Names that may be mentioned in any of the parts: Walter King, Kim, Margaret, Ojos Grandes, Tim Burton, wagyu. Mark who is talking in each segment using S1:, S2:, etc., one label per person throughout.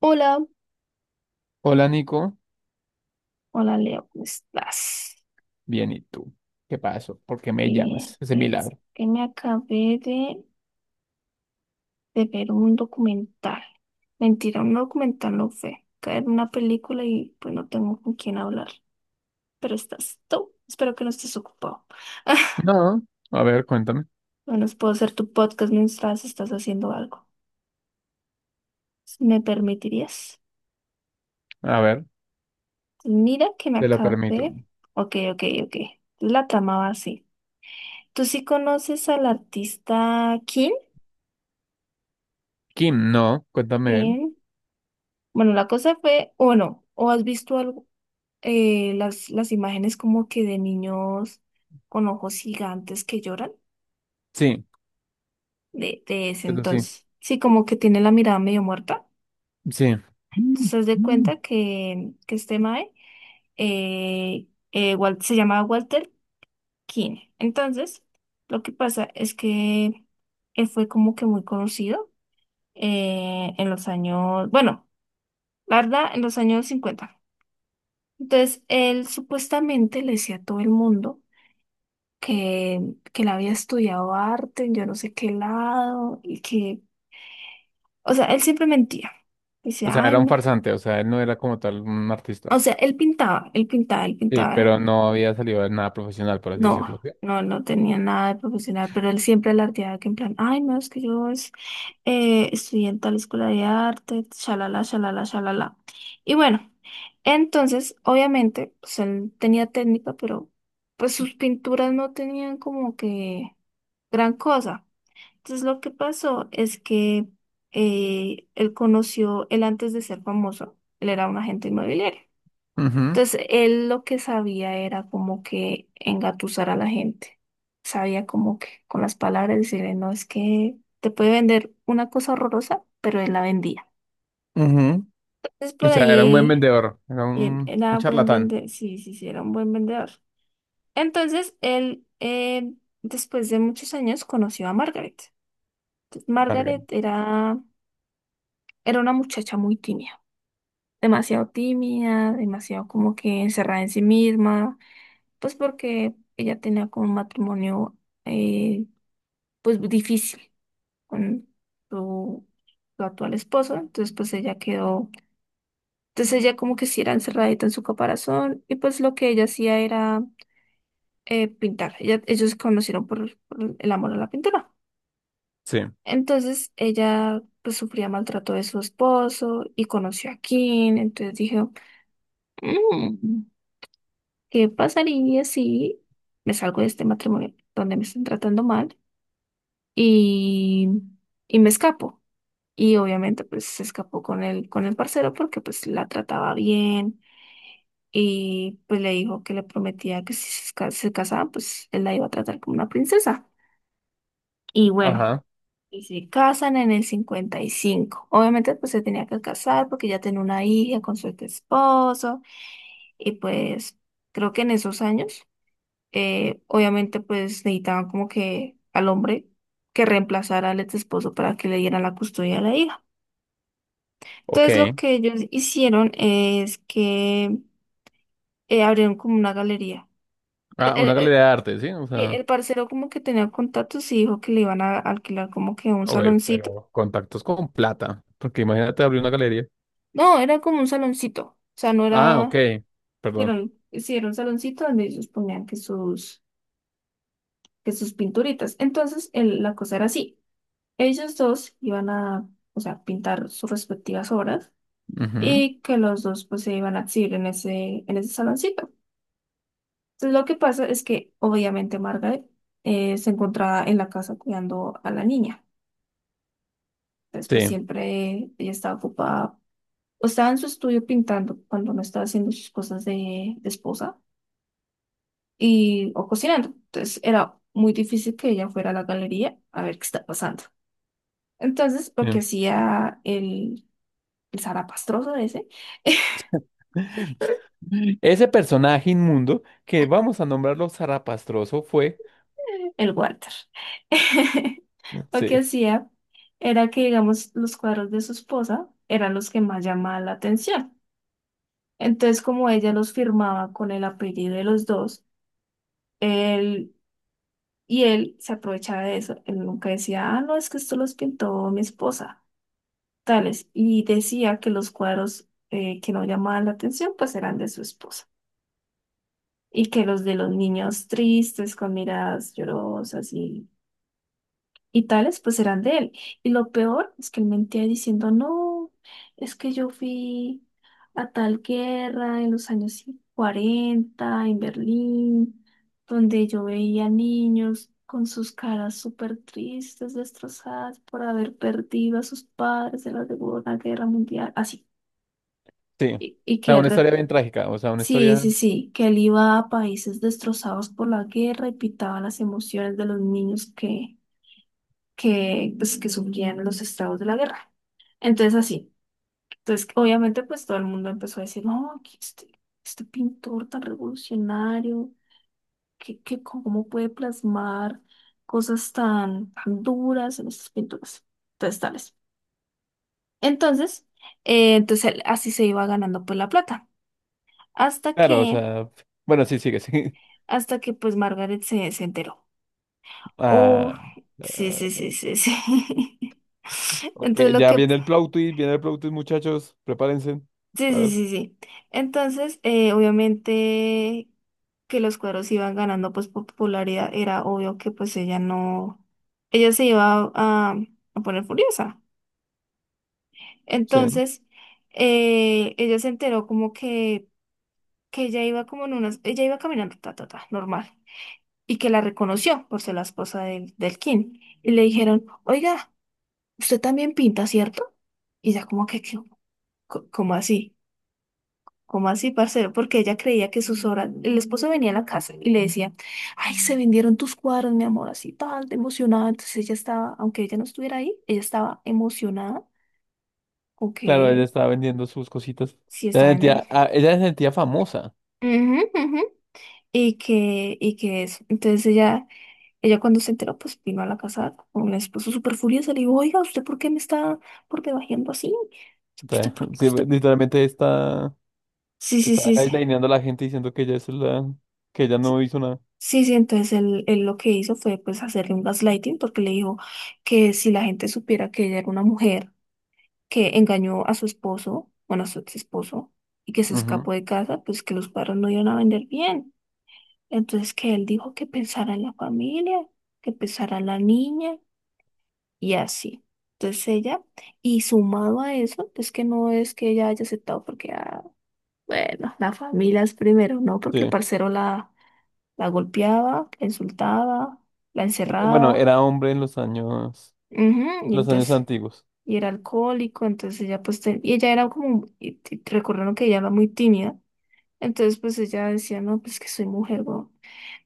S1: Hola,
S2: Hola Nico,
S1: hola Leo, ¿cómo estás?
S2: bien, ¿y tú? ¿Qué pasó? ¿Por qué me
S1: Bien,
S2: llamas? Ese
S1: bien, es
S2: milagro.
S1: que me acabé de ver un documental. Mentira, un documental no fue. Caer en una película y pues no tengo con quién hablar. Pero estás tú. Espero que no estés ocupado.
S2: No, a ver, cuéntame.
S1: Bueno, puedo hacer tu podcast mientras estás haciendo algo. Si, ¿me permitirías?
S2: A ver,
S1: Mira que me
S2: te lo permito.
S1: acabé. Ok. La trama va así. ¿Tú sí conoces al artista
S2: Kim, no, cuéntame él.
S1: Kim? Bueno, la cosa fue, o bueno, o has visto algo, las imágenes como que de niños con ojos gigantes que lloran
S2: Sí,
S1: de ese
S2: eso sí,
S1: entonces. Sí, como que tiene la mirada medio muerta.
S2: sí.
S1: Entonces, haz de cuenta que este mae se llamaba Walter King. Entonces, lo que pasa es que él fue como que muy conocido en los años, bueno, la verdad, en los años 50. Entonces, él supuestamente le decía a todo el mundo que, que él había estudiado arte en yo no sé qué lado y que, o sea, él siempre mentía. Dice,
S2: O sea,
S1: ay,
S2: era un
S1: no.
S2: farsante, o sea, él no era como tal un artista.
S1: O sea, él pintaba, él pintaba, él
S2: Sí,
S1: pintaba.
S2: pero no había salido de nada profesional, por así
S1: No,
S2: decirlo. Sí.
S1: no tenía nada de profesional, pero él siempre alardeaba que en plan, ay, no, es que yo es, estudié en tal escuela de arte, shalala, shalala, shalala. Y bueno, entonces, obviamente, pues él tenía técnica, pero pues sus pinturas no tenían como que gran cosa. Entonces, lo que pasó es que él antes de ser famoso, él era un agente inmobiliario.
S2: Ujú,
S1: Entonces, él lo que sabía era como que engatusar a la gente. Sabía como que con las palabras decirle, no, es que te puede vender una cosa horrorosa, pero él la vendía.
S2: ujú.
S1: Entonces,
S2: O
S1: por
S2: sea, era un buen
S1: ahí,
S2: vendedor, era
S1: él
S2: un
S1: era buen
S2: charlatán.
S1: vendedor, sí, era un buen vendedor. Entonces, él, después de muchos años, conoció a Margaret. Entonces,
S2: Marga.
S1: Era una muchacha muy tímida, demasiado como que encerrada en sí misma, pues porque ella tenía como un matrimonio, eh, pues difícil con su, su actual esposo, entonces pues ella quedó, entonces ella como que sí era encerradita en su caparazón y pues lo que ella hacía era pintar, ella, ellos se conocieron por el amor a la pintura,
S2: Sí,
S1: entonces ella pues sufría maltrato de su esposo y conoció a Kim, entonces dijo, "Mm, ¿qué pasaría si me salgo de este matrimonio donde me están tratando mal? Y, y me escapo." Y obviamente pues se escapó con el parcero porque pues la trataba bien y pues le dijo que le prometía que si se casaban pues él la iba a tratar como una princesa. Y bueno,
S2: ajá,
S1: y se casan en el 55. Obviamente pues se tenía que casar porque ya tenía una hija con su esposo y pues creo que en esos años, obviamente pues necesitaban como que al hombre que reemplazara al ex esposo para que le diera la custodia de la hija.
S2: ok.
S1: Entonces lo que ellos hicieron es que abrieron como una galería. El,
S2: Ah, una
S1: el-
S2: galería de arte, sí, o
S1: el-
S2: sea.
S1: el parcero como que tenía contactos y dijo que le iban a alquilar como que un
S2: Ah, güey,
S1: saloncito.
S2: pero contactos con plata, porque imagínate abrir una galería.
S1: No, era como un saloncito. O sea, no
S2: Ah, ok,
S1: era...
S2: perdón.
S1: Hicieron un saloncito donde ellos ponían que sus pinturitas. Entonces la cosa era así. Ellos dos iban a, o sea, pintar sus respectivas obras
S2: Ujú.
S1: y que los dos pues se iban a exhibir en ese saloncito. Entonces lo que pasa es que obviamente Margaret se encontraba en la casa cuidando a la niña. Entonces pues
S2: Sí.
S1: siempre ella estaba ocupada o estaba en su estudio pintando cuando no estaba haciendo sus cosas de esposa y o cocinando. Entonces era muy difícil que ella fuera a la galería a ver qué está pasando. Entonces lo que
S2: Bien.
S1: hacía el zarapastroso ese.
S2: Ese personaje inmundo que vamos a nombrarlo zarapastroso fue.
S1: El water. Lo que
S2: Sí,
S1: hacía era que, digamos, los cuadros de su esposa eran los que más llamaban la atención. Entonces, como ella los firmaba con el apellido de los dos, él y él se aprovechaba de eso. Él nunca decía, ah, no, es que esto los pintó mi esposa, tales. Y decía que los cuadros que no llamaban la atención, pues eran de su esposa. Y que los de los niños tristes, con miradas llorosas y tales, pues eran de él. Y lo peor es que él mentía diciendo, no, es que yo fui a tal guerra en los años 40, en Berlín, donde yo veía niños con sus caras súper tristes, destrozadas por haber perdido a sus padres en la Segunda Guerra Mundial, así.
S2: sí. O
S1: Y,
S2: sea, una historia bien trágica. O sea, una
S1: sí,
S2: historia.
S1: sí, sí, que él iba a países destrozados por la guerra y pitaba las emociones de los niños pues, que surgían los estados de la guerra. Entonces así, entonces obviamente pues todo el mundo empezó a decir, no, que este pintor tan revolucionario, que cómo puede plasmar cosas tan duras en estas pinturas, entonces tales. Entonces, así se iba ganando pues la plata, hasta
S2: Claro, o
S1: que,
S2: sea. Bueno, sí, sigue, sí.
S1: hasta que pues Margaret se enteró. Oh,
S2: Ah,
S1: sí, sí,
S2: ah,
S1: sí, sí, sí.
S2: ok,
S1: Entonces lo
S2: ya
S1: que...
S2: viene el plot twist, viene el plot twist, muchachos. Prepárense.
S1: Sí,
S2: A
S1: sí,
S2: ver,
S1: sí, sí. Entonces, obviamente que los cuadros iban ganando pues popularidad, era obvio que pues ella no, ella se iba a poner furiosa.
S2: sí.
S1: Entonces, ella se enteró como que ella iba como en unas, ella iba caminando, ta, ta, ta, normal, y que la reconoció por ser la esposa del King. Y le dijeron, oiga, usted también pinta, ¿cierto? Y ella como que, "¿Qué? ¿Cómo así? ¿Cómo así, parcero?" Porque ella creía que sus obras, el esposo venía a la casa y le decía, ay, se vendieron tus cuadros, mi amor, así tal, de emocionada. Entonces ella estaba, aunque ella no estuviera ahí, ella estaba emocionada con
S2: Claro, ella
S1: que
S2: estaba vendiendo sus cositas.
S1: sí
S2: Ella se
S1: estaba vendiendo.
S2: sentía, ah, ella se sentía famosa.
S1: Ujú, ujú. Y que eso. Entonces ella cuando se enteró, pues vino a la casa con el esposo súper furiosa, le dijo, oiga, ¿usted por qué me está por debajeando así?
S2: O
S1: ¿Usted
S2: sea,
S1: por
S2: sí,
S1: usted? Por-".
S2: literalmente está,
S1: Sí, sí,
S2: está
S1: sí, sí.
S2: gaslightingando a la gente diciendo que ella es la, que ella no hizo nada.
S1: Sí, sí, entonces él lo que hizo fue pues hacerle un gaslighting porque le dijo que si la gente supiera que ella era una mujer que engañó a su esposo, bueno, a su ex esposo, y que se
S2: Ujú,
S1: escapó de casa, pues que los padres no iban a vender bien. Entonces que él dijo que pensara en la familia, que pensara en la niña y así. Entonces ella, y sumado a eso, es que no es que ella haya aceptado porque, ah, bueno, la familia es primero, ¿no? Porque el
S2: sí.
S1: parcero la golpeaba, la insultaba, la
S2: Y bueno,
S1: encerraba.
S2: era hombre en
S1: Ujú, y
S2: los años
S1: entonces,
S2: antiguos.
S1: y era alcohólico, entonces ella pues, y ella era como, y recordaron que ella era muy tímida. Entonces pues ella decía, no, pues que soy mujer, weón,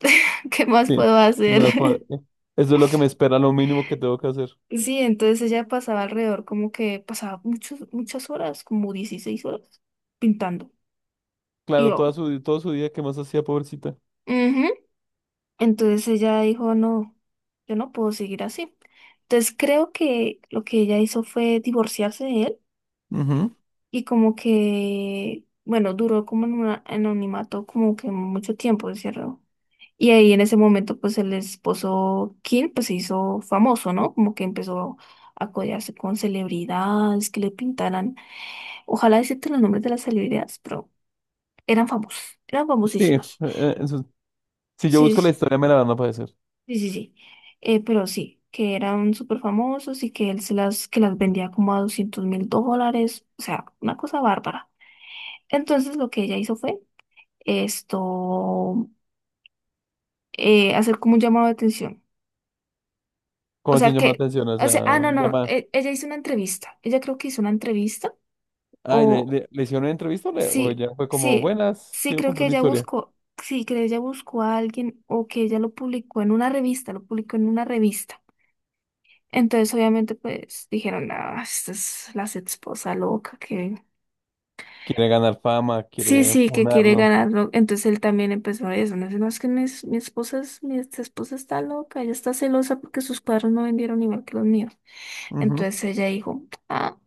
S1: ¿qué más
S2: Sí.
S1: puedo
S2: ¿Qué
S1: hacer?
S2: más puedo? Eso es lo que me espera, lo mínimo que tengo que hacer.
S1: Sí, entonces ella pasaba alrededor, como que pasaba muchas horas, como 16 horas, pintando. Y
S2: Claro, toda
S1: yo,
S2: su, todo su día, ¿qué más hacía, pobrecita?
S1: ujú. Entonces ella dijo, no, yo no puedo seguir así. Entonces creo que lo que ella hizo fue divorciarse de él
S2: Ujú.
S1: y como que, bueno, duró como en un anonimato como que mucho tiempo, ¿cierto? Y ahí en ese momento, pues el esposo Kim, pues se hizo famoso, ¿no? Como que empezó a codearse con celebridades que le pintaran, ojalá decirte los nombres de las celebridades, pero eran famosos, eran
S2: Sí.
S1: famosísimos.
S2: Eso, si yo
S1: Sí,
S2: busco la
S1: sí,
S2: historia, me la van a aparecer.
S1: sí, sí. Sí. Pero sí, que eran súper famosos y que que las vendía como a $200,000, o sea, una cosa bárbara. Entonces lo que ella hizo fue esto, hacer como un llamado de atención. O
S2: Como así
S1: sea
S2: un llama
S1: que,
S2: atención? O
S1: o
S2: sea,
S1: sea, ah, no, no,
S2: llama.
S1: e- ella hizo una entrevista. Ella creo que hizo una entrevista.
S2: Ay, ¿le,
S1: O
S2: le, le hicieron una entrevista o, le- o
S1: sí,
S2: ya fue como,
S1: sí,
S2: buenas,
S1: sí,
S2: quiero
S1: creo
S2: contar
S1: que
S2: mi historia?
S1: sí, que ella buscó a alguien o que ella lo publicó en una revista, lo publicó en una revista. Entonces, obviamente, pues dijeron, ah, esta es la esposa loca que...
S2: Quiere ganar fama,
S1: Sí,
S2: quiere
S1: sí, que quiere
S2: ponerlo.
S1: ganarlo. Entonces él también empezó a eso. No sé, no, es que mi esposa es, mi ex esposa está loca, ella está celosa porque sus padres no vendieron igual que los míos.
S2: Ujú.
S1: Entonces ella dijo, ah,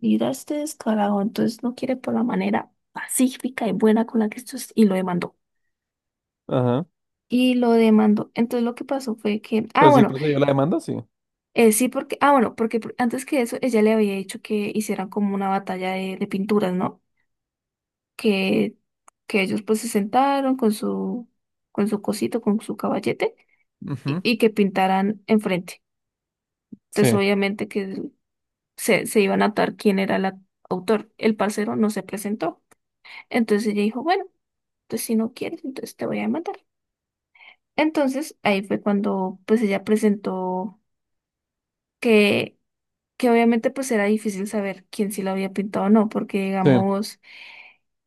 S1: mira este descarado, entonces no quiere por la manera pacífica y buena con la que esto es, y lo demandó.
S2: Ajá.
S1: Y lo demandó. Entonces lo que pasó fue que, ah,
S2: Pero sí
S1: bueno,
S2: procedió la demanda, sí.
S1: sí, porque, ah, bueno, porque antes que eso, ella le había dicho que hicieran como una batalla de pinturas, ¿no? que, que ellos pues se sentaron con con su cosito, con su caballete
S2: Ujú.
S1: y que pintaran enfrente. Entonces
S2: Sí,
S1: obviamente que se iban a notar quién era el autor. El parcero no se presentó. Entonces ella dijo, bueno, entonces si no quieres, entonces te voy a matar. Entonces ahí fue cuando pues ella presentó que que obviamente pues era difícil saber quién sí lo había pintado o no, porque
S2: sí.
S1: digamos,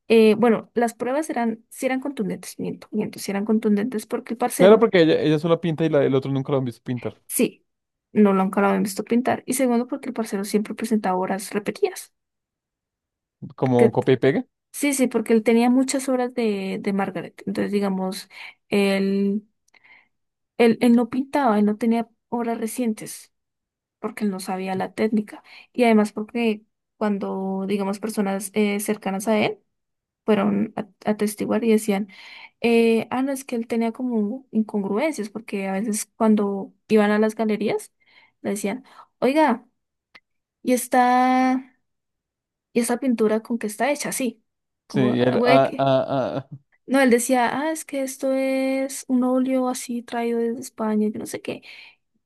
S1: bueno, las pruebas eran, sí eran contundentes, miento, miento, sí eran contundentes porque el
S2: Claro,
S1: parcero,
S2: porque ella solo pinta y la, el otro nunca lo han visto pintar.
S1: sí, no lo habían visto pintar, y segundo porque el parcero siempre presentaba obras repetidas,
S2: Como un
S1: porque
S2: copia y pega.
S1: sí, sí, porque él tenía muchas obras de Margaret, entonces digamos, él, él no pintaba, él no tenía obras recientes, porque él no sabía la técnica, y además porque cuando, digamos, personas cercanas a él, fueron a atestiguar y decían, no, es que él tenía como incongruencias, porque a veces cuando iban a las galerías, le decían, oiga, ¿y esta, ¿y esta pintura con qué está hecha? Sí,
S2: Sí,
S1: como,
S2: y
S1: "Ah,
S2: él,
S1: güey, que..."
S2: ah,
S1: No, él decía, ah, es que esto es un óleo así traído desde España, yo no sé qué.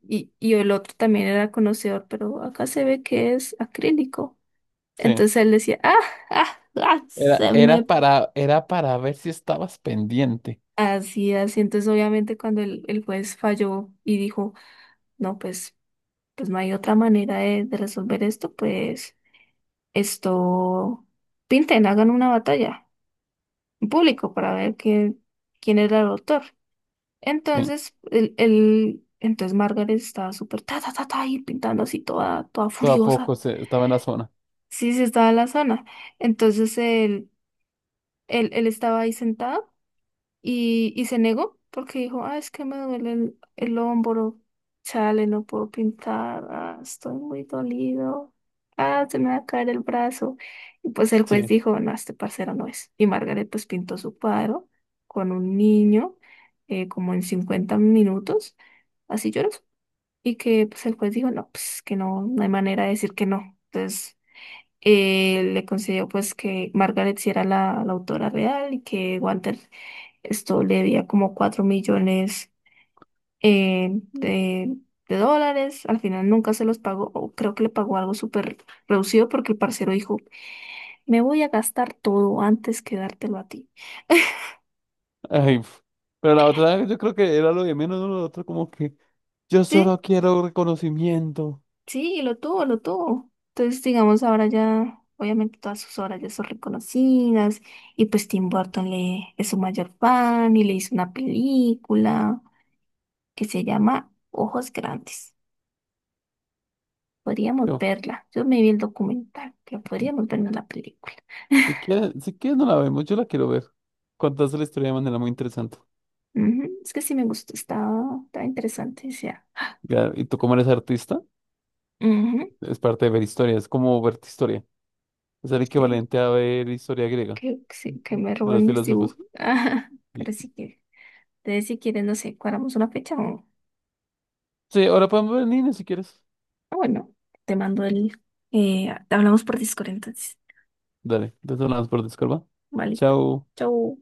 S1: Y el otro también era conocedor, pero acá se ve que es acrílico.
S2: sí.
S1: Entonces él decía, ah,
S2: Era,
S1: se
S2: era
S1: me...
S2: para, era para ver si estabas pendiente.
S1: Así, así. Entonces, obviamente, cuando el juez falló y dijo, no, pues no hay otra manera de resolver esto, pues esto, pinten, hagan una batalla en público para ver quién, quién era el autor.
S2: Sí.
S1: Entonces, Margaret estaba súper ta, ta, ta, ta, y pintando así toda, toda
S2: Todo a
S1: furiosa.
S2: poco se- estaba en la zona.
S1: Sí, sí, estaba en la zona. Entonces, él estaba ahí sentado. Y se negó porque dijo, ah, es que me duele el hombro, chale, no puedo pintar, ah, estoy muy dolido, ah, se me va a caer el brazo. Y pues el juez
S2: Sí.
S1: dijo, no, este parcero no es. Y Margaret pues pintó su cuadro con un niño como en 50 minutos, así lloroso. Y que pues el juez dijo, no, pues que no, no hay manera de decir que no. Entonces le concedió pues que Margaret sí era la, la autora real y que Walter esto le debía como 4 millones eh, de, de dólares. Al final nunca se los pagó, o creo que le pagó algo súper reducido porque el parcero dijo, me voy a gastar todo antes que dártelo a ti.
S2: Ay, pf. Pero la otra, yo creo que era lo de menos, ¿no? Lo otro como que yo
S1: Sí,
S2: solo quiero reconocimiento.
S1: sí, y lo tuvo, lo tuvo. Entonces, digamos, ahora ya, obviamente todas sus obras ya son reconocidas y pues Tim Burton le, es su mayor fan y le hizo una película que se llama Ojos Grandes. Podríamos
S2: Yo,
S1: verla. Yo me vi el documental, pero podríamos vernos la película.
S2: si quieres, si quieres no la vemos, yo la quiero ver. Contaste la historia de manera muy interesante.
S1: Ujú, es que sí me gustó, estaba, estaba interesante. O sea,
S2: Ya, y tú como eres artista,
S1: ujú,
S2: es parte de ver historia, es como ver historia. Es el
S1: sí,
S2: equivalente a ver historia griega
S1: que, sí, que
S2: Ujú.
S1: me
S2: De los
S1: roben mis dibujos.
S2: filósofos.
S1: Ajá, pero
S2: Y-
S1: sí que, entonces si quieres, no sé, cuadramos una fecha
S2: sí, ahora podemos ver Nina si quieres.
S1: o bueno, te mando el, hablamos por Discord entonces.
S2: Dale, te sonamos por Discord, ¿va?
S1: Vale, listo.
S2: Chao.
S1: Chau.